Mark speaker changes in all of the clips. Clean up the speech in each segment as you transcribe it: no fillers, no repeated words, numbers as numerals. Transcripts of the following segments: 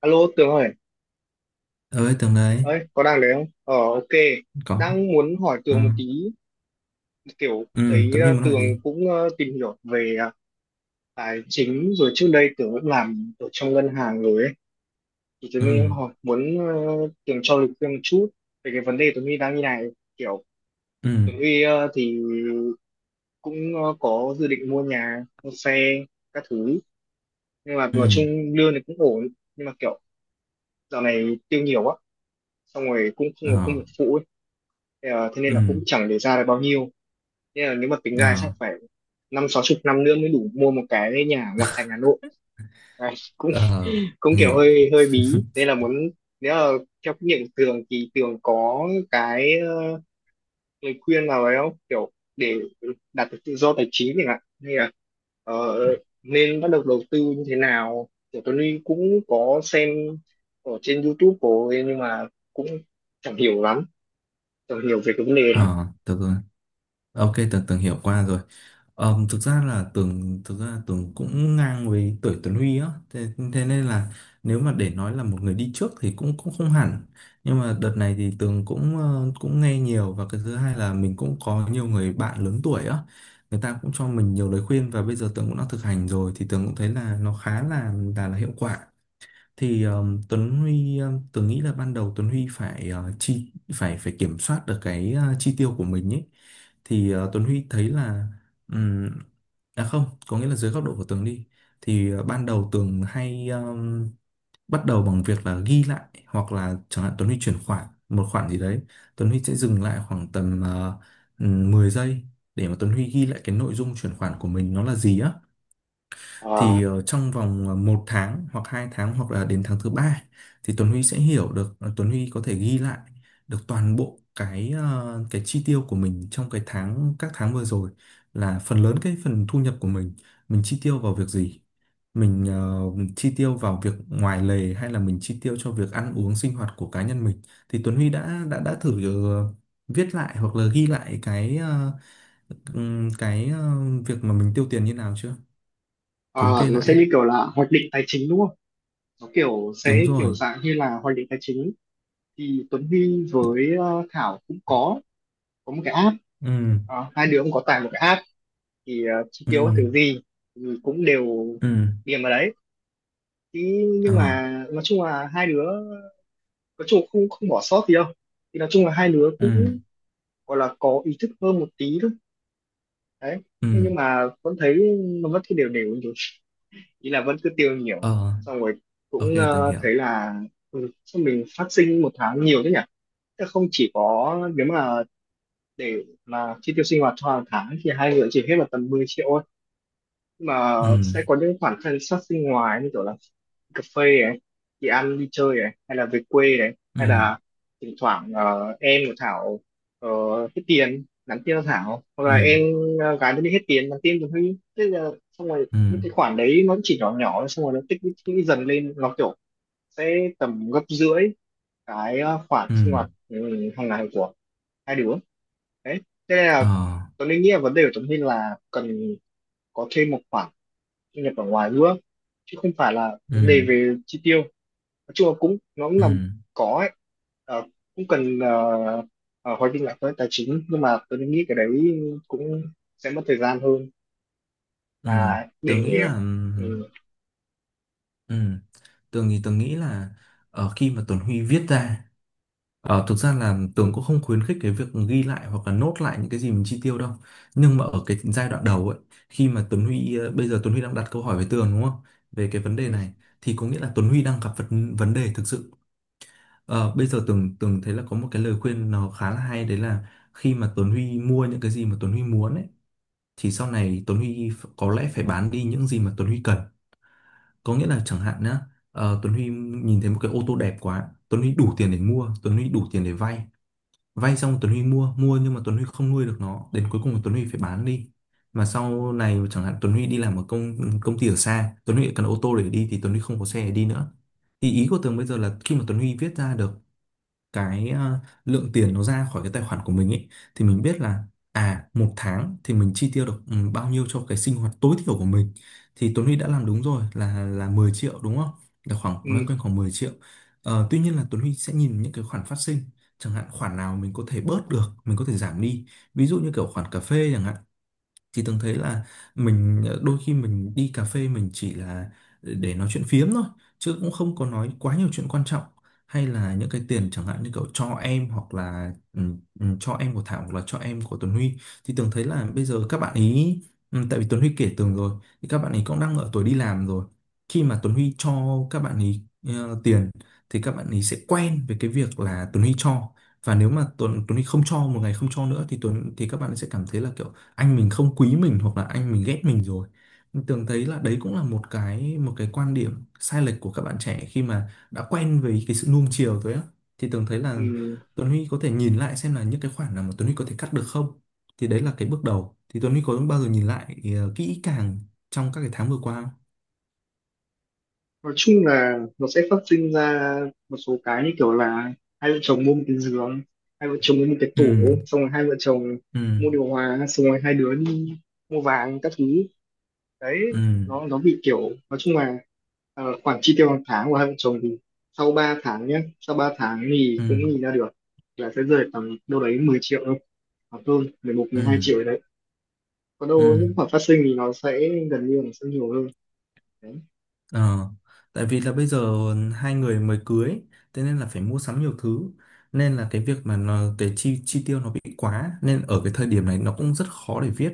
Speaker 1: Alo Tường ơi,
Speaker 2: Ơi, Tường đấy.
Speaker 1: ơi có đang đấy không? Ờ, ok,
Speaker 2: Có.
Speaker 1: đang muốn hỏi
Speaker 2: Ừ,
Speaker 1: Tường một tí, kiểu
Speaker 2: ừ.
Speaker 1: thấy
Speaker 2: Tuấn Huy muốn hỏi
Speaker 1: Tường
Speaker 2: gì?
Speaker 1: cũng tìm hiểu về tài chính, rồi trước đây Tường cũng làm ở trong ngân hàng rồi ấy, thì Tường
Speaker 2: Ừ.
Speaker 1: mới hỏi muốn Tường cho lời khuyên một chút về cái vấn đề Tường Huy đang như này, kiểu
Speaker 2: Ừ.
Speaker 1: Tường Huy thì cũng có dự định mua nhà, mua xe, các thứ, nhưng mà nói
Speaker 2: Ừ.
Speaker 1: chung lương thì cũng ổn, nhưng mà kiểu dạo này tiêu nhiều quá, xong rồi cũng không có công
Speaker 2: Ờ.
Speaker 1: việc phụ ấy. Thế thế nên là
Speaker 2: Ừ.
Speaker 1: cũng chẳng để ra được bao nhiêu, nên là nếu mà tính
Speaker 2: Ờ.
Speaker 1: ra chắc phải 50, 60 năm nữa mới đủ mua một cái nhà ngoại thành Hà Nội. Đấy, cũng
Speaker 2: Ờ.
Speaker 1: cũng
Speaker 2: Tường
Speaker 1: kiểu
Speaker 2: hiểu.
Speaker 1: hơi hơi bí nên là muốn, nếu là theo kinh nghiệm của Tường thì Tường có cái lời khuyên nào đấy không, kiểu để đạt được tự do tài chính chẳng hạn, hay là ờ, nên bắt đầu đầu tư như thế nào, kiểu Tuấn Huy cũng có xem ở trên YouTube của ấy, nhưng mà cũng chẳng hiểu lắm, chẳng hiểu về cái vấn đề đó.
Speaker 2: Ờ, được rồi. Ok, Tường Tường hiểu qua rồi. Thực ra Tường cũng ngang với tuổi Tuấn Huy á, thế, thế nên là nếu mà để nói là một người đi trước thì cũng cũng không hẳn. Nhưng mà đợt này thì Tường cũng nghe nhiều, và cái thứ hai là mình cũng có nhiều người bạn lớn tuổi á, người ta cũng cho mình nhiều lời khuyên và bây giờ Tường cũng đã thực hành rồi thì Tường cũng thấy là nó khá là hiệu quả. Thì Tuấn Huy, Tường nghĩ là ban đầu Tuấn Huy phải ờ, chi phải phải kiểm soát được cái chi tiêu của mình ấy. Thì Tuấn Huy thấy là ừm, à, không có nghĩa là dưới góc độ của Tường đi, thì ban đầu Tường hay bắt đầu bằng việc là ghi lại, hoặc là chẳng hạn Tuấn Huy chuyển khoản một khoản gì đấy Tuấn Huy sẽ dừng lại khoảng tầm 10 giây để mà Tuấn Huy ghi lại cái nội dung chuyển khoản của mình nó là gì á.
Speaker 1: Ờ,
Speaker 2: Thì trong vòng một tháng hoặc 2 tháng hoặc là đến tháng thứ ba thì Tuấn Huy sẽ hiểu được, Tuấn Huy có thể ghi lại được toàn bộ cái chi tiêu của mình trong cái tháng các tháng vừa rồi, là phần lớn cái phần thu nhập của mình chi tiêu vào việc gì, mình chi tiêu vào việc ngoài lề, hay là mình chi tiêu cho việc ăn uống sinh hoạt của cá nhân mình. Thì Tuấn Huy đã thử ờ, viết lại hoặc là ghi lại cái việc mà mình tiêu tiền như nào chưa, thống
Speaker 1: ờ,
Speaker 2: kê
Speaker 1: nó sẽ
Speaker 2: lại.
Speaker 1: như kiểu là hoạch định tài chính đúng không, nó kiểu
Speaker 2: Đúng
Speaker 1: sẽ kiểu
Speaker 2: rồi.
Speaker 1: dạng như là hoạch định tài chính. Thì Tuấn Huy
Speaker 2: Đ-
Speaker 1: với Thảo cũng có một cái app.
Speaker 2: Ừ.
Speaker 1: Ờ, hai đứa cũng có tải một cái app, thì chi tiêu các
Speaker 2: Ừ.
Speaker 1: thứ gì thì cũng đều
Speaker 2: Ừ.
Speaker 1: điền vào đấy, thì
Speaker 2: Ờ.
Speaker 1: nhưng mà nói chung là hai đứa, nói chung là không không bỏ sót gì đâu, thì nói chung là hai đứa
Speaker 2: Ừ.
Speaker 1: cũng gọi là có ý thức hơn một tí thôi, đấy. Thế nhưng
Speaker 2: Ừ.
Speaker 1: mà vẫn thấy nó vẫn cứ đều đều như thế, ý là vẫn cứ tiêu nhiều,
Speaker 2: Ờ.
Speaker 1: xong rồi
Speaker 2: Ok,
Speaker 1: cũng
Speaker 2: từng hiểu.
Speaker 1: thấy là sao mình phát sinh một tháng nhiều thế nhỉ. Thế không chỉ có, nếu mà để mà chi tiêu sinh hoạt cho hàng tháng thì hai người chỉ hết vào tầm 10 triệu thôi. Nhưng mà
Speaker 2: Ừ.
Speaker 1: sẽ có những khoản thân sát sinh ngoài, như kiểu là cà phê này, đi ăn đi chơi này, hay là về quê này, hay
Speaker 2: Ừ.
Speaker 1: là thỉnh thoảng em của Thảo ờ, hết tiền nhắn tin cho Thảo, hoặc
Speaker 2: Ừ.
Speaker 1: là em gái nó đi hết tiền nhắn tin cho Huy, thế là xong rồi
Speaker 2: Ừ.
Speaker 1: những cái khoản đấy nó chỉ nhỏ nhỏ, xong rồi nó tích lũy dần lên, nó kiểu sẽ tầm gấp rưỡi cái khoản sinh
Speaker 2: Ừ.
Speaker 1: hoạt hàng ngày của hai đứa, đấy. Thế nên
Speaker 2: Ờ.
Speaker 1: là tôi Linh nghĩ là vấn đề của Tuấn Linh là cần có thêm một khoản thu nhập ở ngoài nữa, chứ không phải là vấn đề
Speaker 2: Ừ.
Speaker 1: về chi tiêu, nói chung là cũng nó cũng
Speaker 2: Ừ.
Speaker 1: làm có ấy. Ờ, cũng cần hoạch định lại với tài chính, nhưng mà tôi nghĩ cái đấy cũng sẽ mất thời gian hơn
Speaker 2: Ừ.
Speaker 1: là
Speaker 2: Tường nghĩ
Speaker 1: để.
Speaker 2: là,
Speaker 1: Ừ.
Speaker 2: ừ, Tường thì tường nghĩ là khi mà Tuấn Huy viết ra. Ờ, thực ra là Tường cũng không khuyến khích cái việc ghi lại hoặc là nốt lại những cái gì mình chi tiêu đâu, nhưng mà ở cái giai đoạn đầu ấy, khi mà Tuấn Huy bây giờ Tuấn Huy đang đặt câu hỏi với Tường, đúng không, về cái vấn
Speaker 1: Ừ.
Speaker 2: đề này, thì có nghĩa là Tuấn Huy đang gặp vấn vấn đề thực sự. Ờ, bây giờ Tường Tường thấy là có một cái lời khuyên nó khá là hay, đấy là khi mà Tuấn Huy mua những cái gì mà Tuấn Huy muốn ấy, thì sau này Tuấn Huy có lẽ phải bán đi những gì mà Tuấn Huy cần. Có nghĩa là chẳng hạn nhá, Tuấn Huy nhìn thấy một cái ô tô đẹp quá, Tuấn Huy đủ tiền để mua, Tuấn Huy đủ tiền để vay, vay xong Tuấn Huy mua mua, nhưng mà Tuấn Huy không nuôi được nó, đến cuối cùng là Tuấn Huy phải bán đi. Mà sau này chẳng hạn Tuấn Huy đi làm ở công công ty ở xa, Tuấn Huy cần ô tô để đi thì Tuấn Huy không có xe để đi nữa. Thì ý của Tường bây giờ là khi mà Tuấn Huy viết ra được cái lượng tiền nó ra khỏi cái tài khoản của mình ấy, thì mình biết là à, một tháng thì mình chi tiêu được bao nhiêu cho cái sinh hoạt tối thiểu của mình. Thì Tuấn Huy đã làm đúng rồi, là 10 triệu đúng không, là khoảng
Speaker 1: Ừ.
Speaker 2: loanh quanh khoảng 10 triệu. Ờ, tuy nhiên là Tuấn Huy sẽ nhìn những cái khoản phát sinh, chẳng hạn khoản nào mình có thể bớt được mình có thể giảm đi, ví dụ như kiểu khoản cà phê chẳng hạn. Thì Tường thấy là mình đôi khi mình đi cà phê mình chỉ là để nói chuyện phiếm thôi, chứ cũng không có nói quá nhiều chuyện quan trọng. Hay là những cái tiền chẳng hạn như kiểu cho em, hoặc là cho em của Thảo hoặc là cho em của Tuấn Huy. Thì Tường thấy là bây giờ các bạn ý, tại vì Tuấn Huy kể Tường rồi, thì các bạn ý cũng đang ở tuổi đi làm rồi. Khi mà Tuấn Huy cho các bạn ý tiền, thì các bạn ý sẽ quen với cái việc là Tuấn Huy cho, và nếu mà Tuấn Tuấn Huy không cho, một ngày không cho nữa, thì Tuấn thì các bạn sẽ cảm thấy là kiểu anh mình không quý mình, hoặc là anh mình ghét mình rồi. Mình tưởng thấy là đấy cũng là một cái quan điểm sai lệch của các bạn trẻ khi mà đã quen với cái sự nuông chiều rồi á. Thì tưởng thấy là
Speaker 1: Ừ.
Speaker 2: Tuấn Huy có thể nhìn lại xem là những cái khoản nào mà Tuấn Huy có thể cắt được không, thì đấy là cái bước đầu. Thì Tuấn Huy có bao giờ nhìn lại kỹ càng trong các cái tháng vừa qua không?
Speaker 1: Nói chung là nó sẽ phát sinh ra một số cái như kiểu là hai vợ chồng mua một cái giường, hai vợ chồng mua một cái tủ,
Speaker 2: Ừ.
Speaker 1: xong rồi hai vợ chồng
Speaker 2: Ừ.
Speaker 1: mua điều hòa, xong rồi hai đứa đi mua vàng các thứ, đấy.
Speaker 2: Ừ.
Speaker 1: Nó bị kiểu, nói chung là khoản chi tiêu hàng tháng của hai vợ chồng thì sau 3 tháng nhé, sau 3 tháng thì
Speaker 2: Ừ.
Speaker 1: cũng nhìn ra được là sẽ rơi tầm đâu đấy 10 triệu thôi, hoặc hơn mười một mười hai
Speaker 2: Ừ.
Speaker 1: triệu đấy. Còn đâu
Speaker 2: Ừ.
Speaker 1: những khoản phát sinh thì nó sẽ gần như là nó sẽ nhiều hơn, đấy.
Speaker 2: Ờ, tại vì là bây giờ hai người mới cưới, thế nên là phải mua sắm nhiều thứ, nên là cái việc mà nó, cái chi chi tiêu nó bị quá, nên ở cái thời điểm này nó cũng rất khó để viết,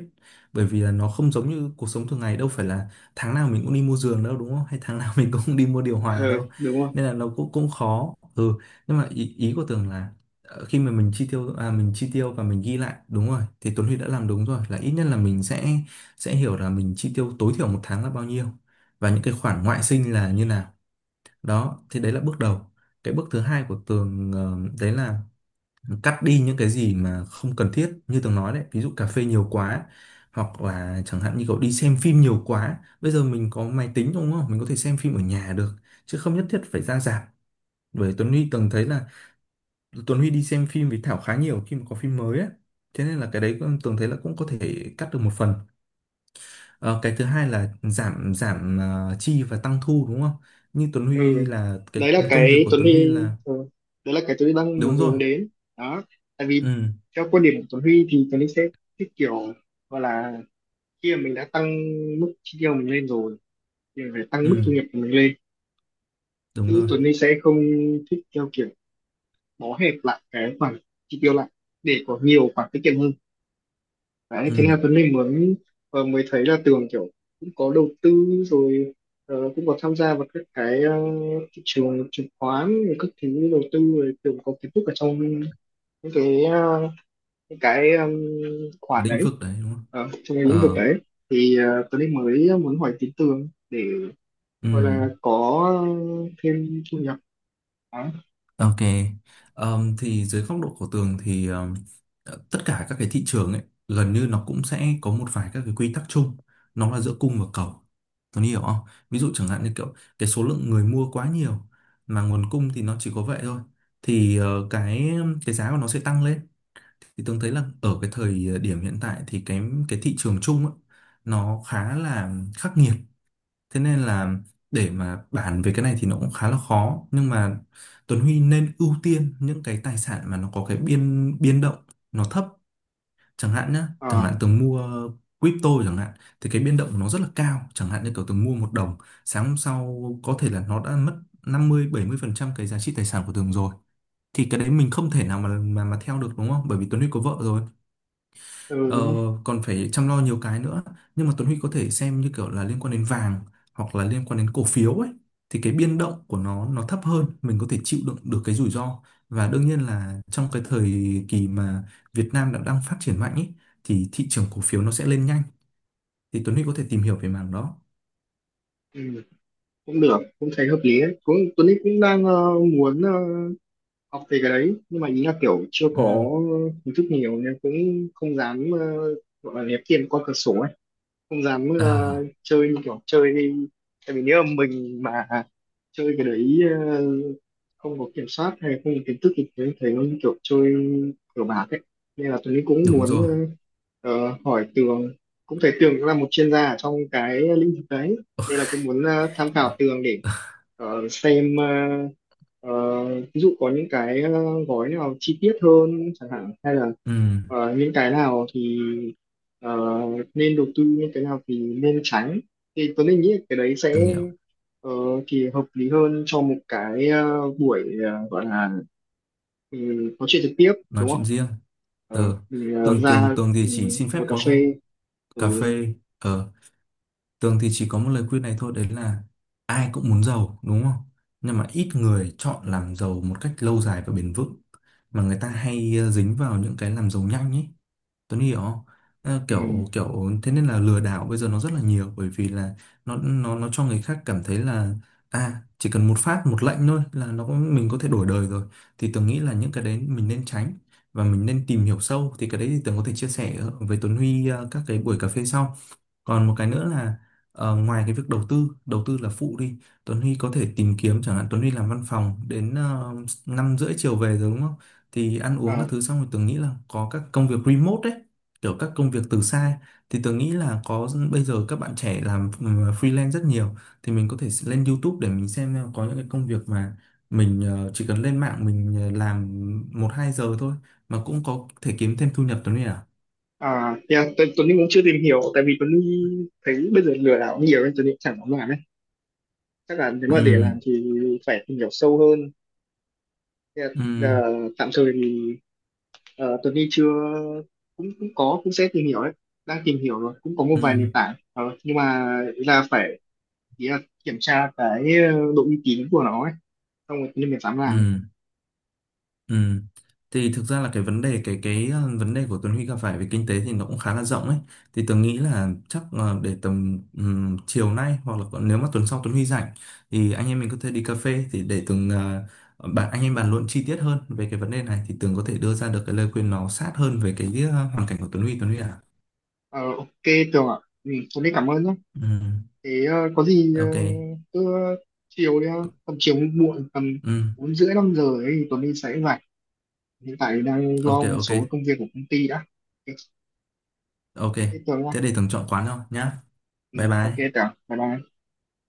Speaker 2: bởi vì là nó không giống như cuộc sống thường ngày, đâu phải là tháng nào mình cũng đi mua giường đâu, đúng không, hay tháng nào mình cũng đi mua điều hòa
Speaker 1: Ờ,
Speaker 2: đâu,
Speaker 1: đúng rồi.
Speaker 2: nên là nó cũng cũng khó. Ừ, nhưng mà ý, ý của Tường là khi mà mình chi tiêu và mình ghi lại, đúng rồi thì Tuấn Huy đã làm đúng rồi, là ít nhất là mình sẽ hiểu là mình chi tiêu tối thiểu một tháng là bao nhiêu, và những cái khoản ngoại sinh là như nào. Đó thì đấy là bước đầu. Cái bước thứ hai của Tường đấy là cắt đi những cái gì mà không cần thiết, như Tường nói đấy, ví dụ cà phê nhiều quá, hoặc là chẳng hạn như cậu đi xem phim nhiều quá, bây giờ mình có máy tính đúng không, mình có thể xem phim ở nhà được, chứ không nhất thiết phải ra rạp. Bởi Tuấn Huy, Tường thấy là Tuấn Huy đi xem phim với Thảo khá nhiều khi mà có phim mới á, thế nên là cái đấy Tường thấy là cũng có thể cắt được một phần. Ờ, cái thứ hai là giảm giảm ờ, chi và tăng thu đúng không? Như Tuấn Huy
Speaker 1: Ừ,
Speaker 2: là
Speaker 1: đấy
Speaker 2: cái
Speaker 1: là
Speaker 2: công việc
Speaker 1: cái
Speaker 2: của
Speaker 1: Tuấn
Speaker 2: Tuấn Huy
Speaker 1: Huy.
Speaker 2: là
Speaker 1: Ừ, đấy là cái Tuấn Huy đang muốn
Speaker 2: đúng rồi.
Speaker 1: hướng đến, đó. Tại vì
Speaker 2: Ừ.
Speaker 1: theo quan điểm của Tuấn Huy thì Tuấn Huy sẽ thích kiểu gọi là, khi mà mình đã tăng mức chi tiêu mình lên rồi thì mình phải tăng
Speaker 2: Ừ,
Speaker 1: mức thu nhập của mình lên,
Speaker 2: đúng
Speaker 1: chứ
Speaker 2: rồi.
Speaker 1: Tuấn Huy sẽ không thích theo kiểu bó hẹp lại cái khoản chi tiêu lại để có nhiều khoản tiết kiệm hơn. Đấy, thế
Speaker 2: Ừ,
Speaker 1: là Tuấn Linh mới mới thấy là Tường kiểu cũng có đầu tư rồi, cũng có tham gia vào các cái thị trường chứng khoán rồi các thứ đầu tư rồi, Tường có kiến thức ở trong những cái những cái khoản
Speaker 2: lĩnh
Speaker 1: đấy,
Speaker 2: vực đấy đúng không?
Speaker 1: trong cái lĩnh vực
Speaker 2: Ờ.
Speaker 1: đấy, thì Tuấn Linh mới muốn hỏi tí Tường để
Speaker 2: Ừ.
Speaker 1: gọi là có thêm thu nhập, đó.
Speaker 2: Ok, thì dưới góc độ của Tường thì tất cả các cái thị trường ấy gần như nó cũng sẽ có một vài các cái quy tắc chung, nó là giữa cung và cầu. Tường hiểu không? Ví dụ chẳng hạn như kiểu cái số lượng người mua quá nhiều, mà nguồn cung thì nó chỉ có vậy thôi, thì cái giá của nó sẽ tăng lên. Thì Tường thấy là ở cái thời điểm hiện tại thì cái thị trường chung ấy, nó khá là khắc nghiệt. Thế nên là để mà bàn về cái này thì nó cũng khá là khó, nhưng mà Tuấn Huy nên ưu tiên những cái tài sản mà nó có cái biên biên động nó thấp. Chẳng hạn nhá, chẳng
Speaker 1: Ờ.
Speaker 2: hạn Tường mua crypto chẳng hạn, thì cái biên động của nó rất là cao, chẳng hạn như kiểu Tường mua một đồng, sáng hôm sau có thể là nó đã mất 50-70% cái giá trị tài sản của Tường rồi. Thì cái đấy mình không thể nào mà mà theo được đúng không, bởi vì Tuấn Huy có vợ rồi.
Speaker 1: Ừ,
Speaker 2: Ờ,
Speaker 1: đúng không?
Speaker 2: còn phải chăm lo nhiều cái nữa. Nhưng mà Tuấn Huy có thể xem như kiểu là liên quan đến vàng, hoặc là liên quan đến cổ phiếu ấy, thì cái biên động của nó thấp hơn, mình có thể chịu đựng được cái rủi ro. Và đương nhiên là trong cái thời kỳ mà Việt Nam đã đang phát triển mạnh ấy, thì thị trường cổ phiếu nó sẽ lên nhanh, thì Tuấn Huy có thể tìm hiểu về mảng đó.
Speaker 1: Ừ, cũng được, cũng thấy hợp lý đấy, cũng Tuấn Linh cũng đang muốn học về cái đấy, nhưng mà ý là kiểu chưa
Speaker 2: Ừ.
Speaker 1: có kiến thức nhiều nên cũng không dám gọi là ném tiền qua cửa sổ ấy, không dám
Speaker 2: À.
Speaker 1: chơi như kiểu chơi đi. Tại vì nếu mà mình mà chơi cái đấy, ờ, không có kiểm soát hay là không có kiến thức thì thấy thấy nó như kiểu chơi cờ bạc ấy, nên là Tuấn cũng
Speaker 2: Đúng
Speaker 1: muốn
Speaker 2: rồi.
Speaker 1: hỏi Tường, cũng thấy Tường cũng là một chuyên gia ở trong cái lĩnh vực đấy, nên là cũng muốn tham khảo Tường để xem, ờ, ví dụ có những cái gói nào chi tiết hơn chẳng hạn, hay là
Speaker 2: Ừ.
Speaker 1: những cái nào thì ờ, nên đầu tư, những cái nào thì nên tránh, thì Tuấn Linh nghĩ là cái đấy
Speaker 2: Tường
Speaker 1: sẽ
Speaker 2: hiểu.
Speaker 1: ờ, thì hợp lý hơn cho một cái buổi gọi là ừ, nói chuyện trực tiếp,
Speaker 2: Nói
Speaker 1: đúng
Speaker 2: chuyện
Speaker 1: không?
Speaker 2: riêng.
Speaker 1: Ờ,
Speaker 2: Ừ.
Speaker 1: mình
Speaker 2: Tường Tường
Speaker 1: ra
Speaker 2: Tường thì
Speaker 1: ừ,
Speaker 2: chỉ xin
Speaker 1: ngồi
Speaker 2: phép
Speaker 1: cà
Speaker 2: có
Speaker 1: phê
Speaker 2: cà
Speaker 1: rồi.
Speaker 2: phê. Ờ, Tường thì chỉ có một lời khuyên này thôi, đấy là ai cũng muốn giàu, đúng không? Nhưng mà ít người chọn làm giàu một cách lâu dài và bền vững. Mà người ta hay dính vào những cái làm giàu nhanh ấy. Tuấn hiểu không? Ờ, kiểu
Speaker 1: Ừ.
Speaker 2: kiểu thế nên là lừa đảo bây giờ nó rất là nhiều, bởi vì là nó cho người khác cảm thấy là à, chỉ cần một phát một lệnh thôi là mình có thể đổi đời rồi. Thì Tường nghĩ là những cái đấy mình nên tránh, và mình nên tìm hiểu sâu, thì cái đấy thì Tường có thể chia sẻ với Tuấn Huy các cái buổi cà phê sau. Còn một cái nữa là ngoài cái việc đầu tư, đầu tư là phụ đi, Tuấn Huy có thể tìm kiếm, chẳng hạn Tuấn Huy làm văn phòng đến 5:30 chiều về rồi đúng không, thì ăn uống các
Speaker 1: À,
Speaker 2: thứ xong rồi, Tường nghĩ là có các công việc remote đấy, kiểu các công việc từ xa. Thì Tường nghĩ là có, bây giờ các bạn trẻ làm freelance rất nhiều. Thì mình có thể lên YouTube để mình xem là có những cái công việc mà mình chỉ cần lên mạng mình làm 1-2 giờ thôi mà cũng có thể kiếm thêm thu nhập, Tuấn Huy à.
Speaker 1: à yeah, Tuấn Tuấn Linh cũng chưa tìm hiểu, tại vì Tuấn Linh thấy bây giờ lừa đảo nhiều nên Tuấn Linh chẳng dám làm ấy, chắc là nếu mà để
Speaker 2: Ừ.
Speaker 1: làm thì phải tìm hiểu sâu hơn. Thế
Speaker 2: Ừ.
Speaker 1: là, ờ, tạm thời thì, Tuấn Huy chưa, cũng cũng có, cũng sẽ tìm hiểu đấy, đang tìm hiểu rồi, cũng có một
Speaker 2: Ừ.
Speaker 1: vài nền tảng. Ờ, nhưng mà ý là phải, ý là kiểm tra cái độ uy tín của nó ấy, xong rồi Tuấn Huy mới dám
Speaker 2: Ừ.
Speaker 1: làm.
Speaker 2: Ừ. Thì thực ra là cái vấn đề vấn đề của Tuấn Huy gặp phải về kinh tế thì nó cũng khá là rộng ấy. Thì Tường nghĩ là chắc để tầm chiều nay, hoặc là còn nếu mà tuần sau Tuấn Huy rảnh, thì anh em mình có thể đi cà phê, thì để Tường ờ, bạn anh em bàn luận chi tiết hơn về cái vấn đề này, thì Tường có thể đưa ra được cái lời khuyên nó sát hơn về cái hoàn cảnh của Tuấn Huy à.
Speaker 1: Ờ, ok Tường ạ. Ừ, Tuấn Huy cảm ơn nhé,
Speaker 2: Ừ.
Speaker 1: thế có gì
Speaker 2: Ok.
Speaker 1: cứ chiều đi ha, tầm chiều muộn tầm
Speaker 2: Ừ.
Speaker 1: 4 rưỡi 5 giờ ấy thì Tuấn Huy sẽ rảnh, hiện tại đang
Speaker 2: Ok,
Speaker 1: lo một số
Speaker 2: ok.
Speaker 1: công việc của công ty đã, ok.
Speaker 2: Ok.
Speaker 1: Thế Tường nha.
Speaker 2: Thế để Tường chọn quán thôi nhá.
Speaker 1: Ừ,
Speaker 2: Bye
Speaker 1: ok
Speaker 2: bye.
Speaker 1: Tường bye bye.